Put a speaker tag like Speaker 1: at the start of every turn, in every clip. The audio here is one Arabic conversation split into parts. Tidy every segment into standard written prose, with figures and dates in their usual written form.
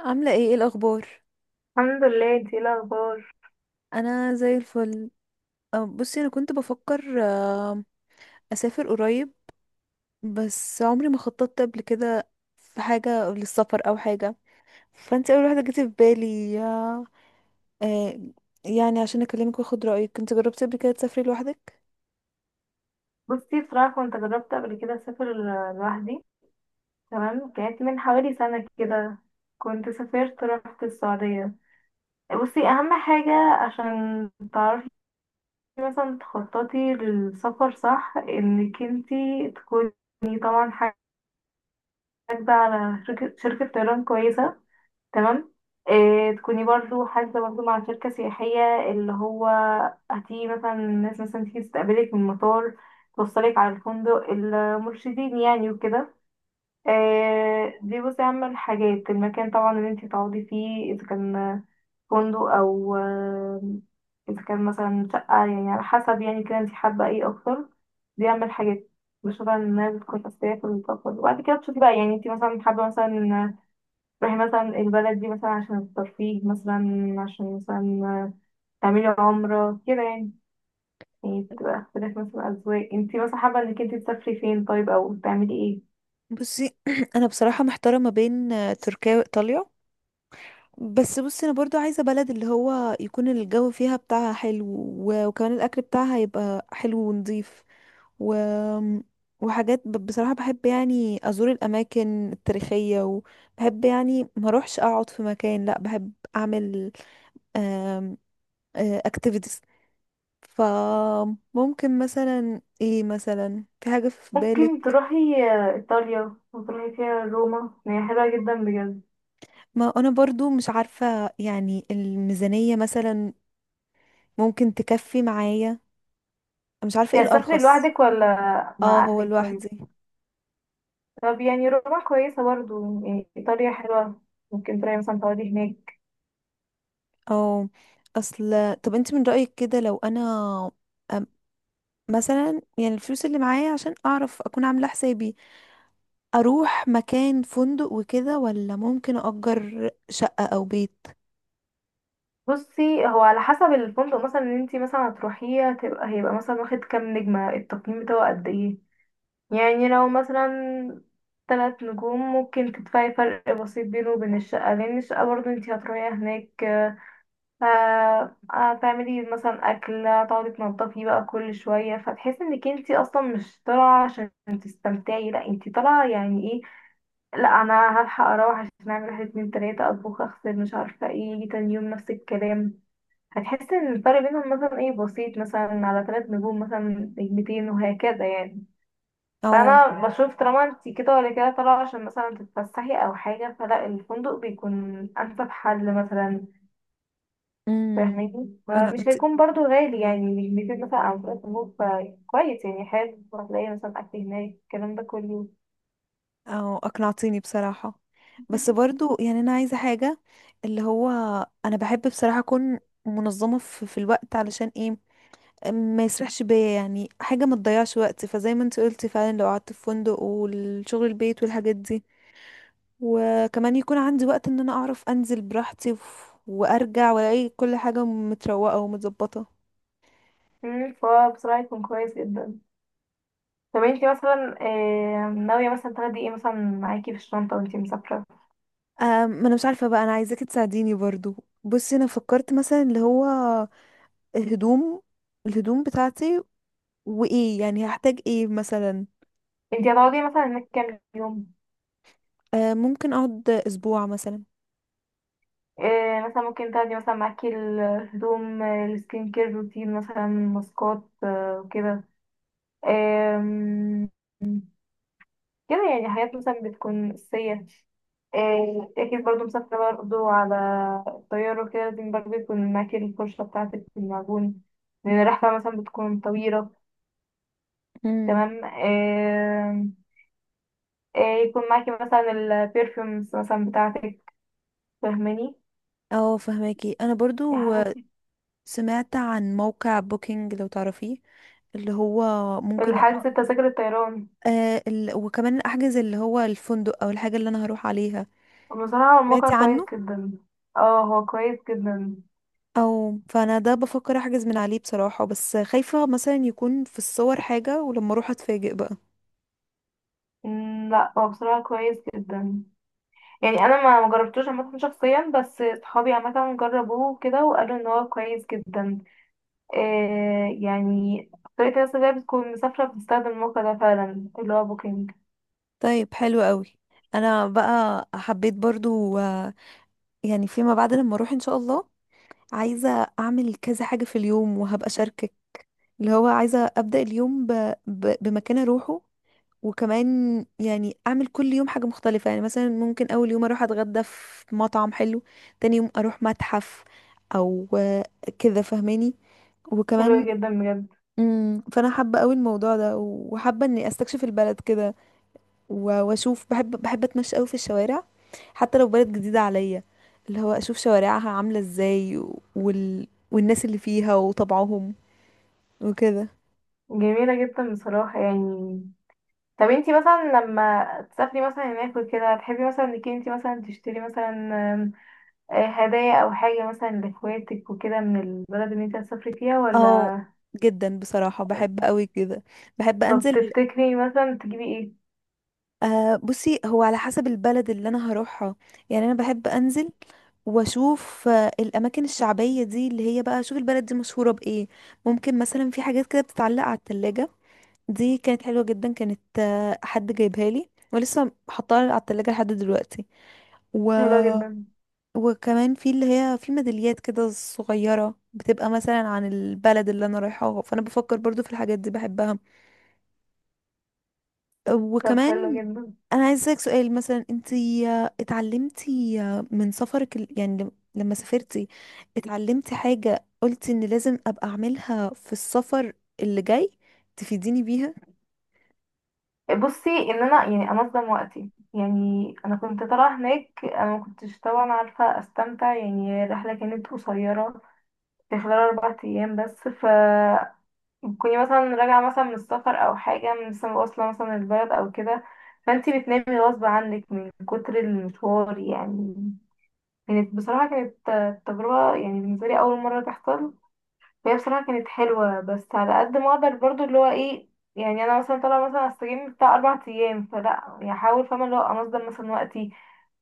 Speaker 1: عاملة ايه، ايه الأخبار؟
Speaker 2: الحمد لله. انتي ايه الاخبار؟
Speaker 1: أنا زي الفل. بصي، أنا كنت بفكر أسافر قريب. بس عمري ما خططت قبل كده في حاجة للسفر أو حاجة. فانت أول واحدة جت في بالي آه، يعني عشان أكلمك وأخد رأيك. انت جربتي قبل كده تسافري لوحدك؟
Speaker 2: بصي، بصراحه كنت جربت قبل كده اسافر لوحدي. تمام، كانت من حوالي سنه كده. كنت سافرت، رحت السعوديه. بصي، اهم حاجه عشان تعرفي مثلا تخططي للسفر صح انك انتي تكوني طبعا حاجه على شركة طيران كويسه. تمام. إيه، تكوني برضو حاسبة برضو مع شركة سياحية اللي هو هتيجي مثلا الناس مثلا تيجي تستقبلك من المطار، توصلك على الفندق، المرشدين يعني وكده. إيه، دي بصي أهم الحاجات، المكان طبعا اللي انتي تقعدي فيه، إذا كان فندق أو إذا كان مثلا شقة، يعني على حسب يعني كده انتي حابة ايه أكتر. دي أهم الحاجات بشوفها إنها بتكون أساسية في السفر، وبعد كده تشوفي بقى يعني انتي مثلا حابة مثلا تروحي مثلا البلد دي مثلا عشان الترفيه مثلا، عشان مثلا تعملي عمرة كده يعني. يعني بتبقى اختلاف مثلا أذواق، انتي مثلا حابة انك انتي تسافري فين، طيب او تعملي ايه؟
Speaker 1: بصي أنا بصراحة محتارة ما بين تركيا وإيطاليا. بس بصي انا برضو عايزه بلد اللي هو يكون الجو فيها بتاعها حلو وكمان الاكل بتاعها يبقى حلو ونضيف و... وحاجات. بصراحه بحب يعني ازور الاماكن التاريخيه، وبحب يعني ما اروحش اقعد في مكان، لا بحب اعمل اكتيفيتيز. فممكن مثلا ايه، مثلا في حاجه في
Speaker 2: ممكن
Speaker 1: بالك؟
Speaker 2: تروحي ايطاليا، وتروحي فيها روما، هي حلوة جدا بجد.
Speaker 1: ما انا برضو مش عارفه، يعني الميزانيه مثلا ممكن تكفي معايا. مش عارفه ايه
Speaker 2: انتي هتسافري
Speaker 1: الارخص.
Speaker 2: لوحدك ولا
Speaker 1: اه،
Speaker 2: مع
Speaker 1: هو
Speaker 2: اهلك؟ طيب.
Speaker 1: لوحدي.
Speaker 2: طب يعني روما كويسة برضو، يعني ايطاليا حلوة، ممكن تروحي مثلا تقعدي هناك.
Speaker 1: اه، اصل طب انت من رأيك كده، لو انا أم- مثلا يعني الفلوس اللي معايا عشان اعرف اكون عاملة حسابي، اروح مكان فندق وكده ولا ممكن اجر شقة او بيت؟
Speaker 2: بصي، هو على حسب الفندق مثلا اللي انتي مثلا هتروحيه، هتبقى هيبقى مثلا واخد كام نجمة، التقييم بتاعه قد ايه. يعني لو مثلا 3 نجوم، ممكن تدفعي فرق بسيط بينه وبين الشقة، لأن الشقة برضه انتي هتروحي هناك هتعملي مثلا أكل، هتقعدي تنضفي بقى كل شوية، فتحسي انك انتي أصلا مش طالعة عشان تستمتعي. لأ، انتي طالعة يعني ايه؟ لأ، أنا هلحق أروح عشان أعمل واحد اتنين تلاتة، أطبخ أغسل مش عارفة ايه، يجي تاني يوم نفس الكلام. هتحسي ان الفرق بينهم مثلا ايه بسيط، مثلا على 3 نجوم مثلا، نجمتين وهكذا يعني.
Speaker 1: او
Speaker 2: فانا بشوف طالما انت كده ولا كده طالعه عشان مثلا تتفسحي او حاجه، فلا، الفندق بيكون انسب حل مثلا،
Speaker 1: امم
Speaker 2: فاهماني؟
Speaker 1: انا،
Speaker 2: مش
Speaker 1: انت
Speaker 2: هيكون برضو غالي يعني، مش بيزيد مثلا عن فرق النوم، فكويس يعني، حلو، هتلاقي مثلا اكل هناك، الكلام ده كله.
Speaker 1: او اقنعتيني بصراحة. بس برضو يعني انا عايزة حاجة، اللي هو انا بحب بصراحة اكون منظمة في الوقت، علشان ايه ما يسرحش بيا، يعني حاجة ما تضيعش وقت. فزي ما انت قلتي فعلا، لو قعدت في فندق والشغل البيت والحاجات دي، وكمان يكون عندي وقت ان انا اعرف انزل براحتي وارجع والاقي كل حاجة متروقة ومتظبطة.
Speaker 2: فبصراحه يكون كويس جدا. طب انت مثلا ناويه مثلا تاخدي ايه مثلا معاكي في الشنطه وانت مسافره؟
Speaker 1: ما انا مش عارفة بقى، انا عايزاكي تساعديني برضو. بصي انا فكرت مثلا اللي هو الهدوم الهدوم بتاعتي، وايه يعني هحتاج، ايه مثلا؟
Speaker 2: انت هتقعدي مثلا هناك كام يوم؟
Speaker 1: ممكن اقعد اسبوع مثلا.
Speaker 2: إيه، مثلا ممكن تاخدي مثلا معاكي الهدوم السكين كير روتين مثلا، ماسكات وكده. آم، كده يعني، حاجات مثلا بتكون أساسية. أكيد برضو مسافرة برضو على الطيارة وكده، لازم برضو يكون معاكي الفرشة بتاعتك والمعجون، لأن الرحلة مثلا بتكون طويلة.
Speaker 1: امم.
Speaker 2: تمام. آم، آه، يكون معاكي مثلا البرفيومز مثلا بتاعتك، فاهماني؟
Speaker 1: اه، فهماكي. انا برضو سمعت عن موقع بوكينج، لو تعرفيه، اللي هو ممكن
Speaker 2: الحاجة، التذاكر، الطيران.
Speaker 1: وكمان احجز اللي هو الفندق او الحاجة اللي انا هروح عليها.
Speaker 2: بصراحة هو الموقع
Speaker 1: سمعتي
Speaker 2: كويس
Speaker 1: عنه؟
Speaker 2: جدا. اه، هو كويس جدا.
Speaker 1: او فانا ده بفكر احجز من عليه بصراحة، بس خايفة مثلا يكون في الصور حاجة ولما اروح اتفاجئ بقى.
Speaker 2: لا، هو بصراحة كويس جدا، يعني انا ما مجربتوش عامة شخصيا، بس صحابي عامة جربوه كده وقالوا ان هو كويس جدا. إيه يعني، طريقة الناس اللي هي بتكون مسافرة بتستخدم الموقع ده فعلا، اللي هو بوكينج.
Speaker 1: طيب، حلو قوي. انا بقى حبيت برضو يعني فيما بعد لما اروح ان شاء الله، عايزة اعمل كذا حاجة في اليوم وهبقى شاركك. اللي هو عايزة ابدأ اليوم بمكان اروحه. وكمان يعني اعمل كل يوم حاجة مختلفة. يعني مثلا ممكن اول يوم اروح اتغدى في مطعم حلو، تاني يوم اروح متحف او كده، فاهماني؟
Speaker 2: حلو
Speaker 1: وكمان
Speaker 2: جدا بجد.
Speaker 1: فانا حابة قوي الموضوع ده، وحابة اني استكشف البلد كده. واشوف، بحب، اتمشى قوي في الشوارع، حتى لو بلد جديدة عليا. اللي هو اشوف شوارعها عاملة ازاي والناس اللي فيها وطبعهم وكده.
Speaker 2: جميلة جدا بصراحة يعني. طب انتي مثلا لما تسافري مثلا هناك وكده، تحبي مثلا انك انتي مثلا تشتري مثلا هدايا او حاجة مثلا لاخواتك وكده، من البلد اللي انت هتسافري فيها
Speaker 1: اه،
Speaker 2: ولا؟
Speaker 1: جدا بصراحة بحب قوي كده، بحب
Speaker 2: طب
Speaker 1: انزل.
Speaker 2: تفتكري مثلا تجيبي ايه؟
Speaker 1: أه، بصي هو على حسب البلد اللي انا هروحها. يعني انا بحب انزل واشوف الاماكن الشعبيه دي، اللي هي بقى اشوف البلد دي مشهوره بايه. ممكن مثلا في حاجات كده بتتعلق على التلاجة، دي كانت حلوه جدا، كانت حد جايبها لي ولسه حطاها على التلاجة لحد دلوقتي. و...
Speaker 2: حلو جدا.
Speaker 1: وكمان في اللي هي في ميداليات كده صغيره، بتبقى مثلا عن البلد اللي انا رايحاها، فانا بفكر برضو في الحاجات دي، بحبها.
Speaker 2: طب حلو
Speaker 1: وكمان
Speaker 2: جدا.
Speaker 1: انا عايز اسالك سؤال، مثلا انتي اتعلمتي من سفرك، يعني لما سافرتي، اتعلمتي حاجة قلتي ان لازم ابقى اعملها في السفر اللي جاي، تفيديني بيها؟
Speaker 2: بصي، ان انا يعني انظم وقتي، يعني انا كنت طالعه هناك انا ما كنتش طبعا عارفه استمتع، يعني الرحله كانت قصيره في خلال 4 ايام بس، كوني مثلا راجعه مثلا من السفر او حاجه لسه واصله مثلا البلد او كده، فانتي بتنامي غصب عنك من كتر المشوار يعني. كانت بصراحة، كانت تجربة يعني بالنسبة لي، أول مرة تحصل. فهي بصراحة كانت حلوة، بس على قد ما أقدر برضو اللي هو ايه، يعني أنا مثلا طالعة مثلا أستجم بتاع 4 أيام، فلا يعني أحاول، فاهمة اللي هو أنظم مثلا وقتي،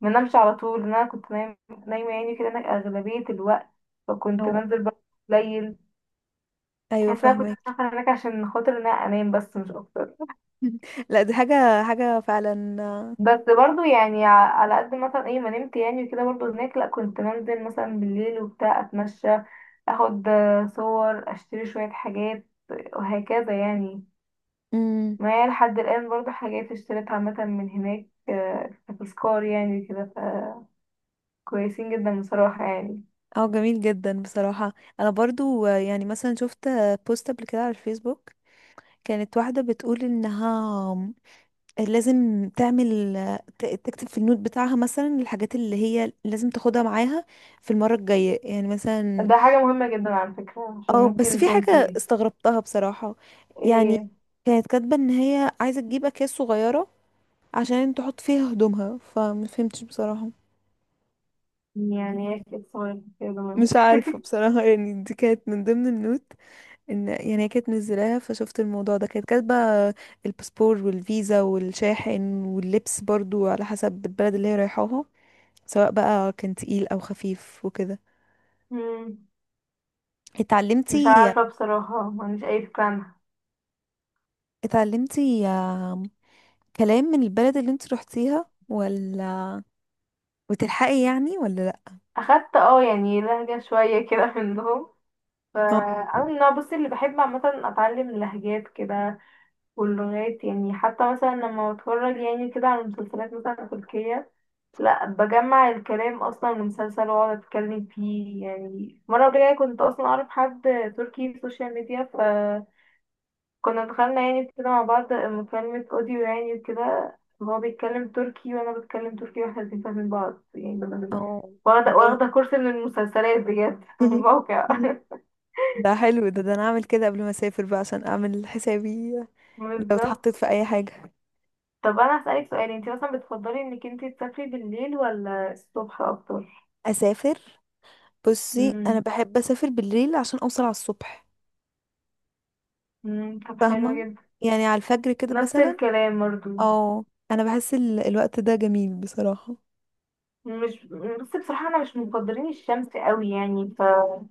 Speaker 2: منامش على طول، لأن أنا كنت نايمة يعني كده هناك أغلبية الوقت. فكنت
Speaker 1: أو
Speaker 2: بنزل برضو قليل،
Speaker 1: ايوه،
Speaker 2: تحس إن أنا كنت
Speaker 1: فاهمك.
Speaker 2: مسافرة هناك عشان خاطر إن أنا أنام بس مش أكتر.
Speaker 1: لا، دي حاجة حاجة فعلا
Speaker 2: بس برضو يعني على قد مثلا ايه ما نمت يعني وكده برضو هناك، لا، كنت بنزل مثلا بالليل وبتاع اتمشى، اخد صور، اشتري شوية حاجات وهكذا يعني.
Speaker 1: امم
Speaker 2: معايا لحد الآن برضو حاجات اشتريتها مثلا من هناك كتذكار يعني كده، فكويسين جدا بصراحة يعني.
Speaker 1: اه، جميل جدا بصراحة. انا برضو يعني مثلا شفت بوست قبل كده على الفيسبوك، كانت واحدة بتقول انها لازم تعمل، تكتب في النوت بتاعها مثلا الحاجات اللي هي لازم تاخدها معاها في المرة الجاية يعني مثلا.
Speaker 2: ده حاجة مهمة جدا على فكرة، عشان
Speaker 1: اه، بس
Speaker 2: ممكن
Speaker 1: في حاجة
Speaker 2: تنسي.
Speaker 1: استغربتها بصراحة. يعني
Speaker 2: ايه؟
Speaker 1: كانت كاتبة ان هي عايزة تجيب اكياس صغيرة عشان تحط فيها هدومها، فمفهمتش بصراحة.
Speaker 2: يعني ايه كده صغير كده؟
Speaker 1: مش
Speaker 2: مهم.
Speaker 1: عارفة بصراحة، يعني دي كانت من ضمن النوت، ان يعني هي كانت منزلاها فشفت الموضوع ده. كانت كاتبة الباسبور والفيزا والشاحن واللبس برضو على حسب البلد اللي هي رايحاها، سواء بقى كان تقيل او خفيف وكده.
Speaker 2: مم، مش
Speaker 1: اتعلمتي،
Speaker 2: عارفة بصراحة، ما عنديش أي فكرة عنها.
Speaker 1: اتعلمتي آم، كلام من البلد اللي انت روحتيها، ولا وتلحقي يعني ولا لا؟
Speaker 2: اخدت يعني لهجة شوية كده منهم،
Speaker 1: اه،
Speaker 2: فانا من النوع بصي اللي بحب عامة اتعلم لهجات كده واللغات، يعني حتى مثلا لما بتفرج يعني كده على مسلسلات مثلا تركية، لا، بجمع الكلام اصلا من مسلسل واقعد اتكلم فيه، يعني مرة قبل كده كنت اصلا اعرف حد تركي في السوشيال ميديا، كنا دخلنا يعني كده مع بعض مكالمة اوديو يعني وكده، وهو بيتكلم تركي وانا بتكلم تركي واحنا الاتنين فاهمين بعض يعني.
Speaker 1: اه،
Speaker 2: واخدة واخدة
Speaker 1: جامد.
Speaker 2: كورس من المسلسلات بجد من الموقع.
Speaker 1: ده حلو، ده انا اعمل كده قبل ما اسافر بقى، عشان اعمل حسابي لو
Speaker 2: بالظبط.
Speaker 1: اتحطيت في اي حاجة.
Speaker 2: طب انا هسألك سؤال، انت مثلا بتفضلي انك انت تسافري بالليل ولا الصبح اكتر؟
Speaker 1: اسافر بصي انا
Speaker 2: امم.
Speaker 1: بحب اسافر بالليل عشان اوصل على الصبح.
Speaker 2: طب حلو
Speaker 1: فاهمة؟
Speaker 2: جدا.
Speaker 1: يعني على الفجر كده
Speaker 2: نفس
Speaker 1: مثلا.
Speaker 2: الكلام برضو،
Speaker 1: او، انا بحس الوقت ده جميل بصراحة.
Speaker 2: مش بس بصراحة انا مش مفضلين الشمس قوي يعني،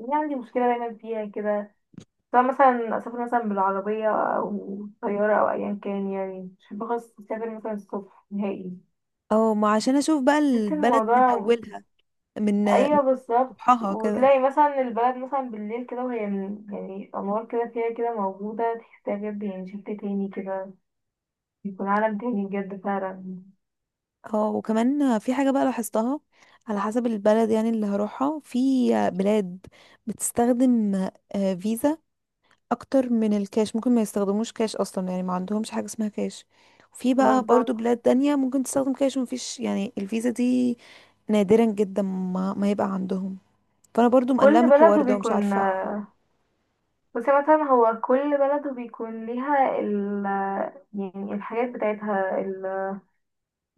Speaker 2: يعني عندي مشكلة دايما فيها كده، سواء مثلا أسافر مثلا بالعربية أو طيارة أو أيا كان، يعني مش بحب خالص أسافر مثلا الصبح نهائي.
Speaker 1: اه، ما عشان اشوف بقى
Speaker 2: بحس إن
Speaker 1: البلد من
Speaker 2: الموضوع،
Speaker 1: اولها، من
Speaker 2: أيوه بالظبط،
Speaker 1: صبحها كده.
Speaker 2: وتلاقي مثلا البلد مثلا بالليل كده، وهي يعني أنوار كده فيها كده موجودة، تحسها بجد يعني شكل تاني كده، بيكون عالم تاني بجد فعلا.
Speaker 1: اه، وكمان في حاجة بقى لاحظتها، على حسب البلد يعني اللي هروحها. في بلاد بتستخدم فيزا اكتر من الكاش، ممكن ما يستخدموش كاش اصلا، يعني ما عندهمش حاجة اسمها كاش. وفي بقى برضو
Speaker 2: بالظبط،
Speaker 1: بلاد تانية ممكن تستخدم كاش ومفيش يعني الفيزا دي، نادرا جدا ما يبقى عندهم. فانا برضو مقلقة من
Speaker 2: كل بلد
Speaker 1: الحوار ده ومش
Speaker 2: وبيكون،
Speaker 1: عارفة.
Speaker 2: بس مثلا هو كل بلد وبيكون ليها يعني الحاجات بتاعتها،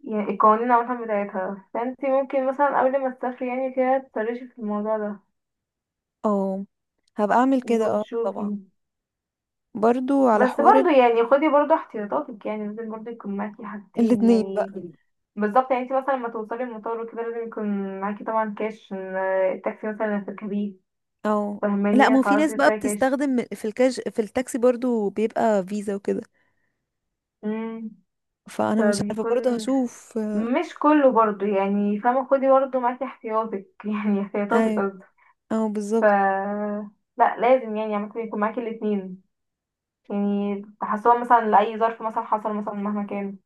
Speaker 2: يعني القوانين عامة بتاعتها، فانت ممكن مثلا قبل ما تسافري يعني كده تسرشي في الموضوع ده،
Speaker 1: اه، هبقى اعمل
Speaker 2: يعني
Speaker 1: كده، اه، طبعا.
Speaker 2: وتشوفي.
Speaker 1: برضو على
Speaker 2: بس
Speaker 1: حوار
Speaker 2: برضو يعني خدي برضو احتياطاتك، يعني لازم برضو يكون معاكي حاجتين
Speaker 1: الاتنين بقى.
Speaker 2: يعني. بالظبط، يعني انت مثلا لما توصلي المطار وكده، لازم يكون معاكي طبعا كاش عشان، التاكسي مثلا اللي هتركبيه،
Speaker 1: اه، لا، ما
Speaker 2: فاهماني،
Speaker 1: هو في ناس
Speaker 2: تعرفي
Speaker 1: بقى
Speaker 2: تدفعي كاش.
Speaker 1: بتستخدم في الكاش، في التاكسي برضو بيبقى فيزا وكده.
Speaker 2: امم.
Speaker 1: فانا مش عارفه
Speaker 2: فبيكون
Speaker 1: برضو، هشوف.
Speaker 2: مش كله برضو يعني، فاهمة، خدي برضو معاكي احتياطك يعني احتياطاتك
Speaker 1: ايوه،
Speaker 2: قصدي.
Speaker 1: اه،
Speaker 2: ف
Speaker 1: بالظبط.
Speaker 2: لا لازم يعني عامة يكون معاكي الاتنين، يعني تحسوها مثلا لأي ظرف مثلا حصل مثلا مهما كان.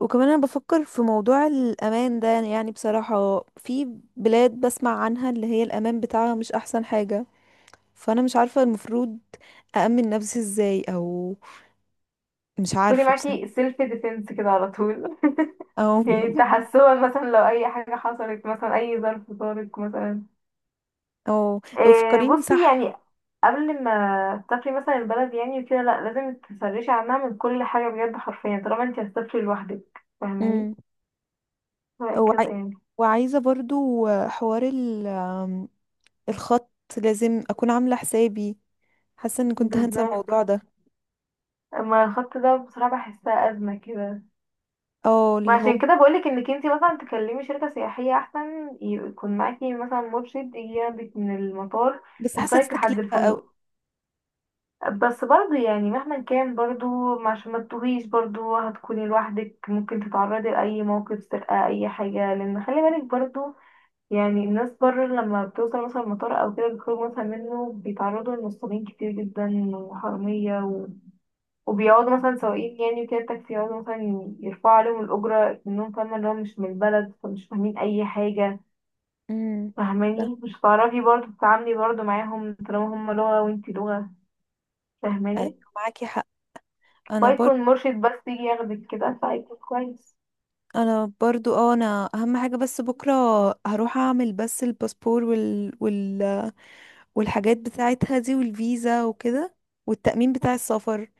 Speaker 1: وكمان انا بفكر في موضوع الامان ده، يعني بصراحه في بلاد بسمع عنها اللي هي الامان بتاعها مش احسن حاجه. فانا مش عارفه المفروض اامن نفسي ازاي، او مش
Speaker 2: خدي
Speaker 1: عارفه بصراحه.
Speaker 2: معاكي سيلف ديفense كده على طول.
Speaker 1: او.
Speaker 2: يعني تحسوها مثلا لو أي حاجة حصلت مثلا أي ظرف طارق مثلا.
Speaker 1: أو
Speaker 2: إيه
Speaker 1: فكريني،
Speaker 2: بصي
Speaker 1: صح؟
Speaker 2: يعني، قبل ما تسافري مثلا البلد يعني وكده، لأ، لازم تسرشي عنها من كل حاجة بجد حرفيا، طالما انتي هتسافري لوحدك، فاهماني؟
Speaker 1: امم. وعاي...
Speaker 2: وهكذا يعني.
Speaker 1: وعايزه برضو حوار الخط، لازم اكون عامله حسابي. حاسه ان كنت هنسى
Speaker 2: بالظبط.
Speaker 1: الموضوع ده.
Speaker 2: اما الخط ده بصراحة بحسها أزمة كده،
Speaker 1: اه،
Speaker 2: ما
Speaker 1: اللي هو
Speaker 2: عشان كده بقولك انك انتي مثلا تكلمي شركة سياحية، احسن يكون معاكي مثلا مرشد يجي ياخدك من المطار،
Speaker 1: بس حاسه دي
Speaker 2: وصلك لحد
Speaker 1: تكلفه قوي.
Speaker 2: الفندق. بس برضو يعني مهما كان برضو، عشان ما تتوهيش، برضو هتكوني لوحدك، ممكن تتعرضي لأي موقف سرقة، أي حاجة، لأن خلي بالك برضو. يعني الناس بره لما بتوصل مثلا المطار أو كده بيخرجوا مثلا منه، بيتعرضوا لنصابين كتير جدا وحرامية، وبيقعدوا مثلا سواقين يعني وكده التاكسي، يقعدوا مثلا يرفعوا عليهم الأجرة، إنهم فاهمة اللي هو مش من البلد فمش فاهمين أي حاجة،
Speaker 1: امم، صح.
Speaker 2: فاهماني؟ مش هتعرفي برضه تتعاملي برضه معاهم طالما هما لغة وانتي لغة، فاهماني؟
Speaker 1: ايوه، معاكي حق. انا برضو،
Speaker 2: فيكون مرشد بس يجي ياخدك كده، فهيكون كويس.
Speaker 1: اه، انا اهم حاجه، بس بكره هروح اعمل بس الباسبور والحاجات بتاعتها دي والفيزا وكده، والتأمين بتاع السفر.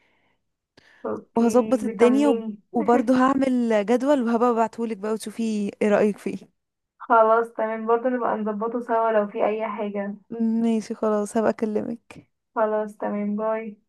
Speaker 2: اوكي،
Speaker 1: وهظبط الدنيا
Speaker 2: بيطمنيني.
Speaker 1: وبرضو هعمل جدول وهبقى ابعتهولك بقى وتشوفي ايه رأيك فيه.
Speaker 2: خلاص تمام، برضه نبقى نظبطه سوا لو في أي حاجة.
Speaker 1: ماشي، خلاص، هبقى اكلمك.
Speaker 2: خلاص تمام، باي.